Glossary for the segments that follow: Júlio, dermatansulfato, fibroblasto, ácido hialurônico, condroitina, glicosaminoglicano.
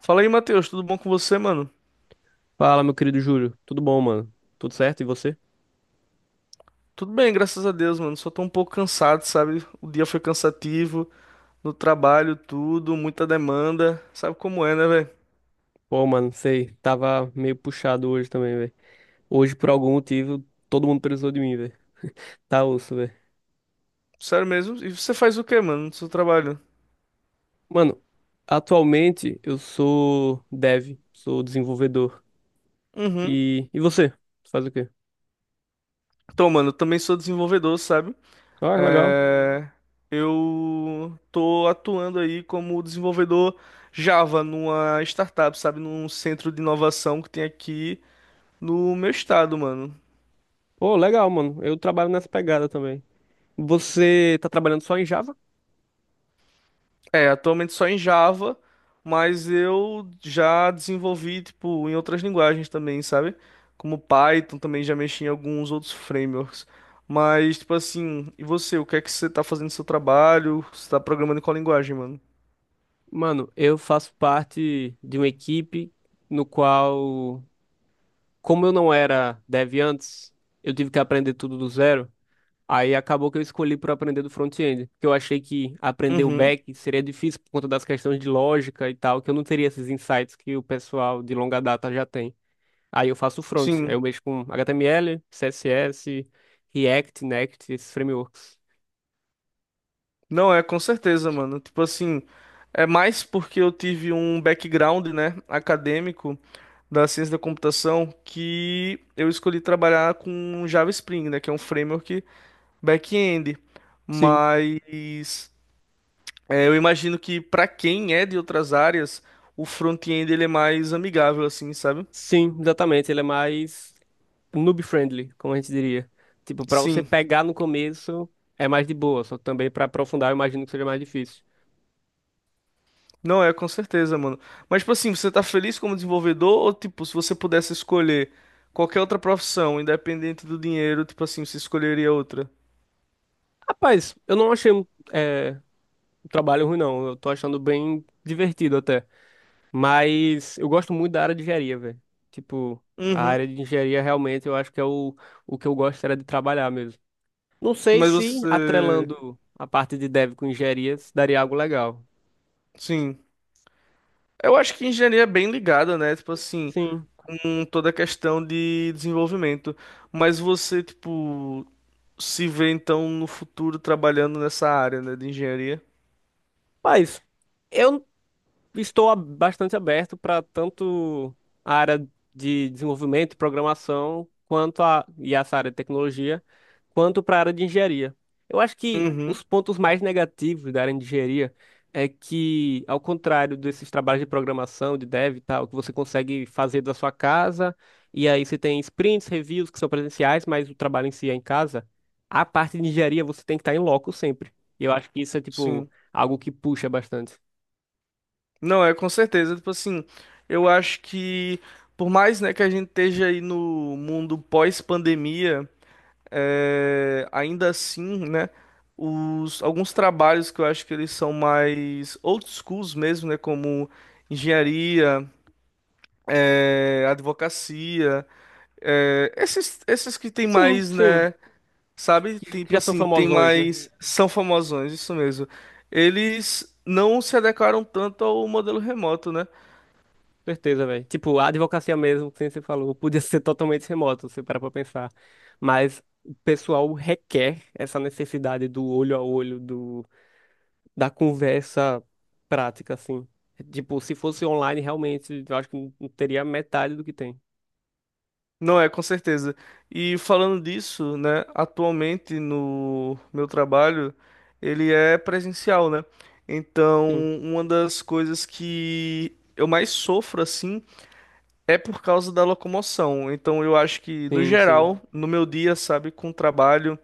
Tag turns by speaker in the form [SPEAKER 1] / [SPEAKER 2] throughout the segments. [SPEAKER 1] Fala aí, Matheus, tudo bom com você, mano?
[SPEAKER 2] Fala, meu querido Júlio. Tudo bom, mano? Tudo certo? E você?
[SPEAKER 1] Tudo bem, graças a Deus, mano. Só tô um pouco cansado, sabe? O dia foi cansativo, no trabalho, tudo, muita demanda. Sabe como é, né, velho?
[SPEAKER 2] Pô, mano, sei. Tava meio puxado hoje também, velho. Hoje, por algum motivo, todo mundo precisou de mim, velho. Tá osso, velho.
[SPEAKER 1] Sério mesmo? E você faz o quê, mano, no seu trabalho?
[SPEAKER 2] Mano, atualmente eu sou dev, sou desenvolvedor.
[SPEAKER 1] Uhum.
[SPEAKER 2] E você? Você faz o quê?
[SPEAKER 1] Então, mano, eu também sou desenvolvedor, sabe?
[SPEAKER 2] Ah, legal.
[SPEAKER 1] É... Eu tô atuando aí como desenvolvedor Java numa startup, sabe? Num centro de inovação que tem aqui no meu estado, mano.
[SPEAKER 2] Pô, legal, mano. Eu trabalho nessa pegada também. Você tá trabalhando só em Java?
[SPEAKER 1] É, atualmente só em Java, mas eu já desenvolvi, tipo, em outras linguagens também, sabe? Como Python, também já mexi em alguns outros frameworks. Mas, tipo assim, e você? O que é que você tá fazendo no seu trabalho? Você tá programando em qual linguagem, mano?
[SPEAKER 2] Mano, eu faço parte de uma equipe no qual como eu não era dev antes, eu tive que aprender tudo do zero. Aí acabou que eu escolhi por aprender do front-end, porque eu achei que aprender o
[SPEAKER 1] Uhum,
[SPEAKER 2] back seria difícil por conta das questões de lógica e tal, que eu não teria esses insights que o pessoal de longa data já tem. Aí eu faço o front, aí
[SPEAKER 1] sim.
[SPEAKER 2] eu mexo com HTML, CSS, React, Next, esses frameworks.
[SPEAKER 1] Não é, com certeza, mano. Tipo assim, é mais porque eu tive um background, né, acadêmico da ciência da computação que eu escolhi trabalhar com Java Spring, né, que é um framework back-end,
[SPEAKER 2] Sim,
[SPEAKER 1] mas eu imagino que para quem é de outras áreas, o front-end ele é mais amigável assim, sabe?
[SPEAKER 2] sim, exatamente. Ele é mais noob-friendly, como a gente diria. Tipo, para você
[SPEAKER 1] Sim,
[SPEAKER 2] pegar no começo é mais de boa, só que também para aprofundar eu imagino que seja mais difícil.
[SPEAKER 1] não é, com certeza, mano. Mas tipo assim, você tá feliz como desenvolvedor ou tipo, se você pudesse escolher qualquer outra profissão, independente do dinheiro, tipo assim, você escolheria outra?
[SPEAKER 2] Rapaz, eu não achei é, um trabalho ruim, não. Eu tô achando bem divertido até. Mas eu gosto muito da área de engenharia, velho. Tipo, a
[SPEAKER 1] Uhum.
[SPEAKER 2] área de engenharia realmente eu acho que é o que eu gosto era de trabalhar mesmo. Não sei
[SPEAKER 1] Mas
[SPEAKER 2] se
[SPEAKER 1] você,
[SPEAKER 2] atrelando a parte de dev com engenharia se daria algo legal.
[SPEAKER 1] sim. Eu acho que engenharia é bem ligada, né? Tipo assim,
[SPEAKER 2] Sim.
[SPEAKER 1] com toda a questão de desenvolvimento. Mas você, tipo, se vê então no futuro trabalhando nessa área, né, de engenharia.
[SPEAKER 2] Mas eu estou bastante aberto para tanto a área de desenvolvimento e programação, quanto e essa área de tecnologia, quanto para a área de engenharia. Eu acho que
[SPEAKER 1] Uhum,
[SPEAKER 2] os pontos mais negativos da área de engenharia é que, ao contrário desses trabalhos de programação, de dev e tal, que você consegue fazer da sua casa, e aí você tem sprints, reviews que são presenciais, mas o trabalho em si é em casa, a parte de engenharia você tem que estar em loco sempre. E eu acho que isso é, tipo,
[SPEAKER 1] sim.
[SPEAKER 2] algo que puxa bastante.
[SPEAKER 1] Não, é com certeza, tipo assim, eu acho que por mais, né, que a gente esteja aí no mundo pós-pandemia, ainda assim, né, os alguns trabalhos que eu acho que eles são mais old schools mesmo, né, como engenharia, advocacia, esses que tem
[SPEAKER 2] Sim,
[SPEAKER 1] mais,
[SPEAKER 2] sim.
[SPEAKER 1] né, sabe?
[SPEAKER 2] Que
[SPEAKER 1] Tipo
[SPEAKER 2] já são
[SPEAKER 1] assim, tem
[SPEAKER 2] famosões, né?
[SPEAKER 1] mais. São famosões, isso mesmo. Eles não se adequaram tanto ao modelo remoto, né?
[SPEAKER 2] Certeza, velho. Tipo, a advocacia mesmo, que nem você falou, podia ser totalmente remoto, se você para pra pensar. Mas o pessoal requer essa necessidade do olho a olho, do, da conversa prática, assim. Tipo, se fosse online, realmente, eu acho que não não teria metade do que tem.
[SPEAKER 1] Não é, com certeza. E falando disso, né? Atualmente no meu trabalho, ele é presencial, né? Então,
[SPEAKER 2] Sim,
[SPEAKER 1] uma das coisas que eu mais sofro, assim, é por causa da locomoção. Então, eu acho que, no
[SPEAKER 2] sim, sim.
[SPEAKER 1] geral, no meu dia, sabe, com trabalho,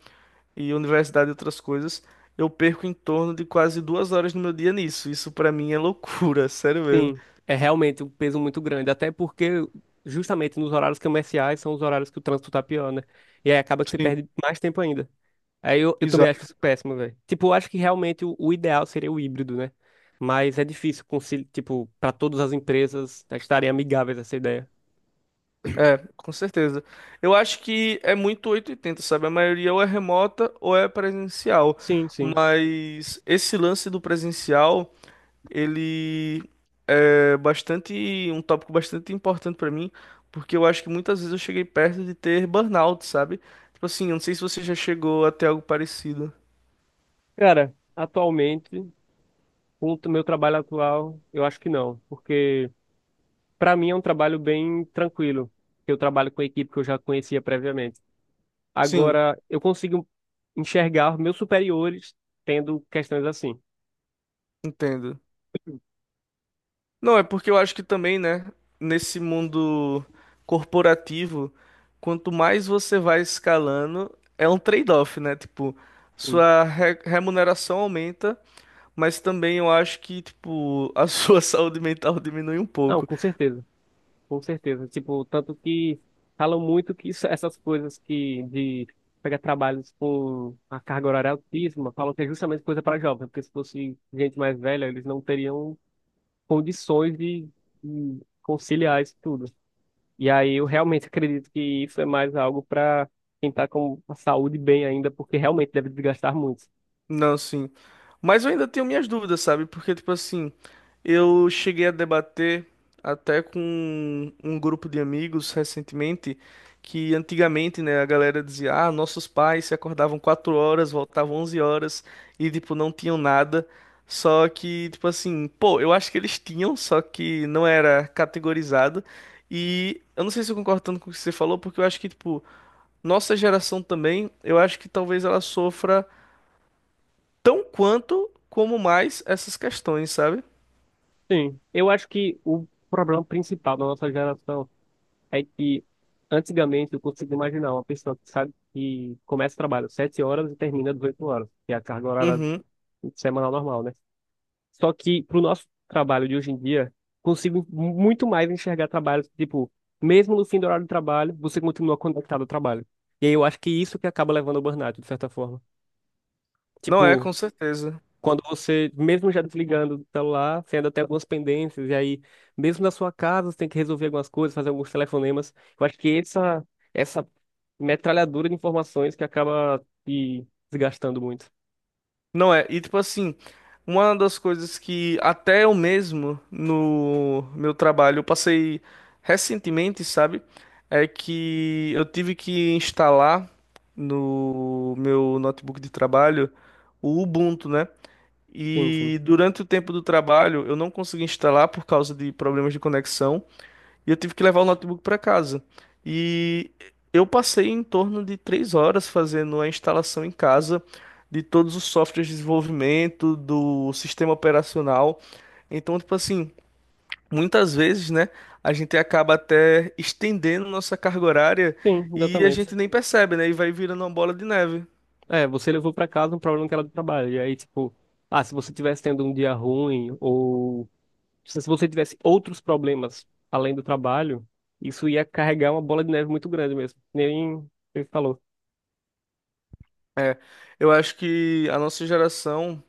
[SPEAKER 1] e universidade e outras coisas, eu perco em torno de quase 2 horas no meu dia nisso. Isso pra mim é loucura, sério mesmo.
[SPEAKER 2] Sim, é realmente um peso muito grande. Até porque, justamente nos horários comerciais, são os horários que o trânsito tá pior, né? E aí acaba que você
[SPEAKER 1] Sim,
[SPEAKER 2] perde mais tempo ainda. Aí eu também acho
[SPEAKER 1] exato.
[SPEAKER 2] isso péssimo, velho. Tipo, eu acho que realmente o ideal seria o híbrido, né? Mas é difícil, tipo, para todas as empresas estarem amigáveis a essa ideia.
[SPEAKER 1] É, com certeza. Eu acho que é muito 880, sabe? A maioria ou é remota ou é presencial.
[SPEAKER 2] Sim, sim.
[SPEAKER 1] Mas esse lance do presencial, ele é bastante, um tópico bastante importante pra mim, porque eu acho que muitas vezes eu cheguei perto de ter burnout, sabe? Tipo assim, eu não sei se você já chegou a ter algo parecido.
[SPEAKER 2] Cara, atualmente, com o meu trabalho atual, eu acho que não. Porque, pra mim, é um trabalho bem tranquilo. Eu trabalho com a equipe que eu já conhecia previamente.
[SPEAKER 1] Sim,
[SPEAKER 2] Agora, eu consigo enxergar meus superiores tendo questões assim.
[SPEAKER 1] entendo. Não, é porque eu acho que também, né, nesse mundo corporativo, quanto mais você vai escalando, é um trade-off, né? Tipo,
[SPEAKER 2] Sim.
[SPEAKER 1] sua remuneração aumenta, mas também eu acho que, tipo, a sua saúde mental diminui um
[SPEAKER 2] Não,
[SPEAKER 1] pouco.
[SPEAKER 2] com certeza. Com certeza. Tipo, tanto que falam muito que essas coisas que de pegar trabalhos com a carga horária altíssima, falam que é justamente coisa para jovem, porque se fosse gente mais velha, eles não teriam condições de conciliar isso tudo. E aí eu realmente acredito que isso é mais algo para quem está com a saúde bem ainda, porque realmente deve desgastar muito.
[SPEAKER 1] Não, sim. Mas eu ainda tenho minhas dúvidas, sabe? Porque, tipo assim, eu cheguei a debater até com um grupo de amigos recentemente que antigamente, né, a galera dizia: ah, nossos pais se acordavam 4 horas, voltavam 11 horas e, tipo, não tinham nada. Só que, tipo assim, pô, eu acho que eles tinham, só que não era categorizado. E eu não sei se eu concordo tanto com o que você falou, porque eu acho que, tipo, nossa geração também, eu acho que talvez ela sofra tão quanto como mais essas questões, sabe?
[SPEAKER 2] Sim, eu acho que o problema principal da nossa geração é que antigamente eu consigo imaginar uma pessoa que sabe que começa o trabalho 7 horas e termina às 8 horas, que é a carga horária
[SPEAKER 1] Uhum.
[SPEAKER 2] semanal normal, né? Só que pro nosso trabalho de hoje em dia, consigo muito mais enxergar trabalhos que, tipo, mesmo no fim do horário de trabalho, você continua conectado ao trabalho. E aí eu acho que isso que acaba levando ao burnout, de certa forma.
[SPEAKER 1] Não é, com
[SPEAKER 2] Tipo,
[SPEAKER 1] certeza.
[SPEAKER 2] quando você, mesmo já desligando do celular, você ainda tem algumas pendências, e aí, mesmo na sua casa, você tem que resolver algumas coisas, fazer alguns telefonemas. Eu acho que essa metralhadora de informações que acaba te desgastando muito.
[SPEAKER 1] Não é. E tipo assim, uma das coisas que até eu mesmo no meu trabalho eu passei recentemente, sabe? É que eu tive que instalar no meu notebook de trabalho o Ubuntu, né?
[SPEAKER 2] Sim, sim.
[SPEAKER 1] E durante o tempo do trabalho eu não consegui instalar por causa de problemas de conexão. E eu tive que levar o notebook para casa. E eu passei em torno de 3 horas fazendo a instalação em casa de todos os softwares de desenvolvimento, do sistema operacional. Então, tipo assim, muitas vezes, né, a gente acaba até estendendo nossa carga horária
[SPEAKER 2] Sim,
[SPEAKER 1] e a
[SPEAKER 2] exatamente.
[SPEAKER 1] gente nem percebe, né? E vai virando uma bola de neve.
[SPEAKER 2] É, você levou pra casa um problema que era do trabalho, e aí, tipo, ah, se você tivesse tendo um dia ruim, ou se você tivesse outros problemas além do trabalho, isso ia carregar uma bola de neve muito grande mesmo. Nem, você falou.
[SPEAKER 1] É, eu acho que a nossa geração,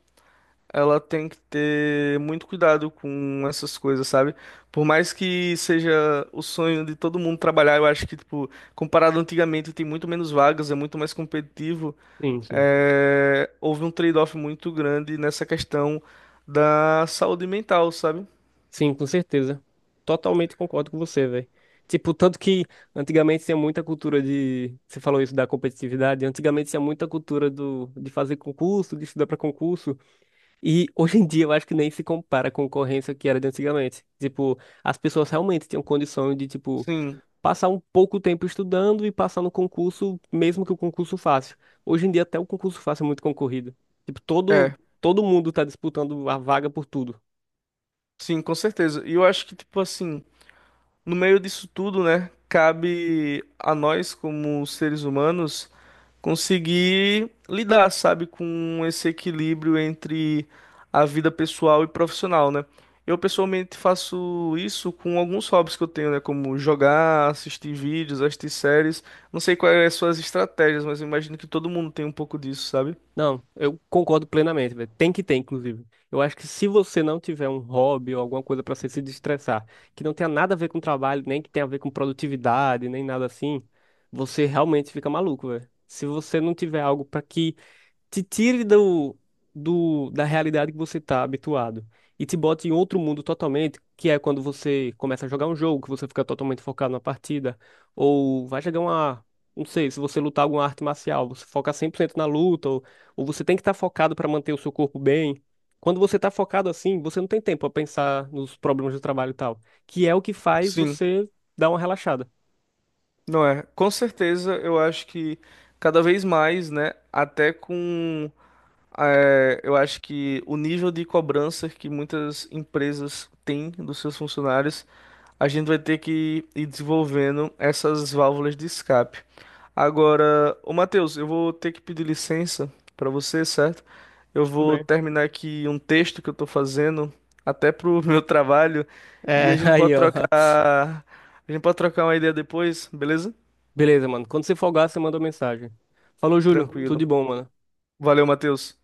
[SPEAKER 1] ela tem que ter muito cuidado com essas coisas, sabe? Por mais que seja o sonho de todo mundo trabalhar, eu acho que, tipo, comparado antigamente, tem muito menos vagas, é muito mais competitivo.
[SPEAKER 2] Sim, sim.
[SPEAKER 1] É, houve um trade-off muito grande nessa questão da saúde mental, sabe?
[SPEAKER 2] Sim, com certeza. Totalmente concordo com você, velho. Tipo, tanto que antigamente tinha muita cultura de. Você falou isso da competitividade. Antigamente tinha muita cultura do... de fazer concurso, de estudar pra concurso. E hoje em dia eu acho que nem se compara a concorrência que era de antigamente. Tipo, as pessoas realmente tinham condição de, tipo,
[SPEAKER 1] Sim,
[SPEAKER 2] passar um pouco tempo estudando e passar no concurso, mesmo que o concurso fácil. Hoje em dia até o concurso fácil é muito concorrido. Tipo, todo,
[SPEAKER 1] é,
[SPEAKER 2] todo mundo tá disputando a vaga por tudo.
[SPEAKER 1] sim, com certeza. E eu acho que, tipo, assim, no meio disso tudo, né, cabe a nós, como seres humanos, conseguir lidar, sabe, com esse equilíbrio entre a vida pessoal e profissional, né? Eu pessoalmente faço isso com alguns hobbies que eu tenho, né, como jogar, assistir vídeos, assistir séries. Não sei quais são as suas estratégias, mas eu imagino que todo mundo tem um pouco disso, sabe?
[SPEAKER 2] Não, eu concordo plenamente, velho. Tem que ter, inclusive. Eu acho que se você não tiver um hobby ou alguma coisa pra você se destressar, que não tenha nada a ver com trabalho, nem que tenha a ver com produtividade, nem nada assim, você realmente fica maluco, velho. Se você não tiver algo pra que te tire da realidade que você está habituado e te bote em outro mundo totalmente, que é quando você começa a jogar um jogo, que você fica totalmente focado na partida, ou vai jogar uma, não sei, se você lutar alguma arte marcial, você foca 100% na luta, ou você tem que estar focado para manter o seu corpo bem. Quando você está focado assim, você não tem tempo a pensar nos problemas do trabalho e tal, que é o que faz
[SPEAKER 1] Sim,
[SPEAKER 2] você dar uma relaxada.
[SPEAKER 1] não é. Com certeza, eu acho que cada vez mais, né, eu acho que o nível de cobrança que muitas empresas têm dos seus funcionários, a gente vai ter que ir desenvolvendo essas válvulas de escape. Agora, ô Matheus, eu vou ter que pedir licença para você, certo? Eu
[SPEAKER 2] Tudo
[SPEAKER 1] vou
[SPEAKER 2] bem.
[SPEAKER 1] terminar aqui um texto que eu estou fazendo, até pro meu trabalho, e a
[SPEAKER 2] É,
[SPEAKER 1] gente
[SPEAKER 2] aí,
[SPEAKER 1] pode
[SPEAKER 2] ó.
[SPEAKER 1] trocar, uma ideia depois, beleza?
[SPEAKER 2] Beleza, mano. Quando você folgar, você manda uma mensagem. Falou, Júlio. Tudo de
[SPEAKER 1] Tranquilo.
[SPEAKER 2] bom, mano.
[SPEAKER 1] Valeu, Matheus.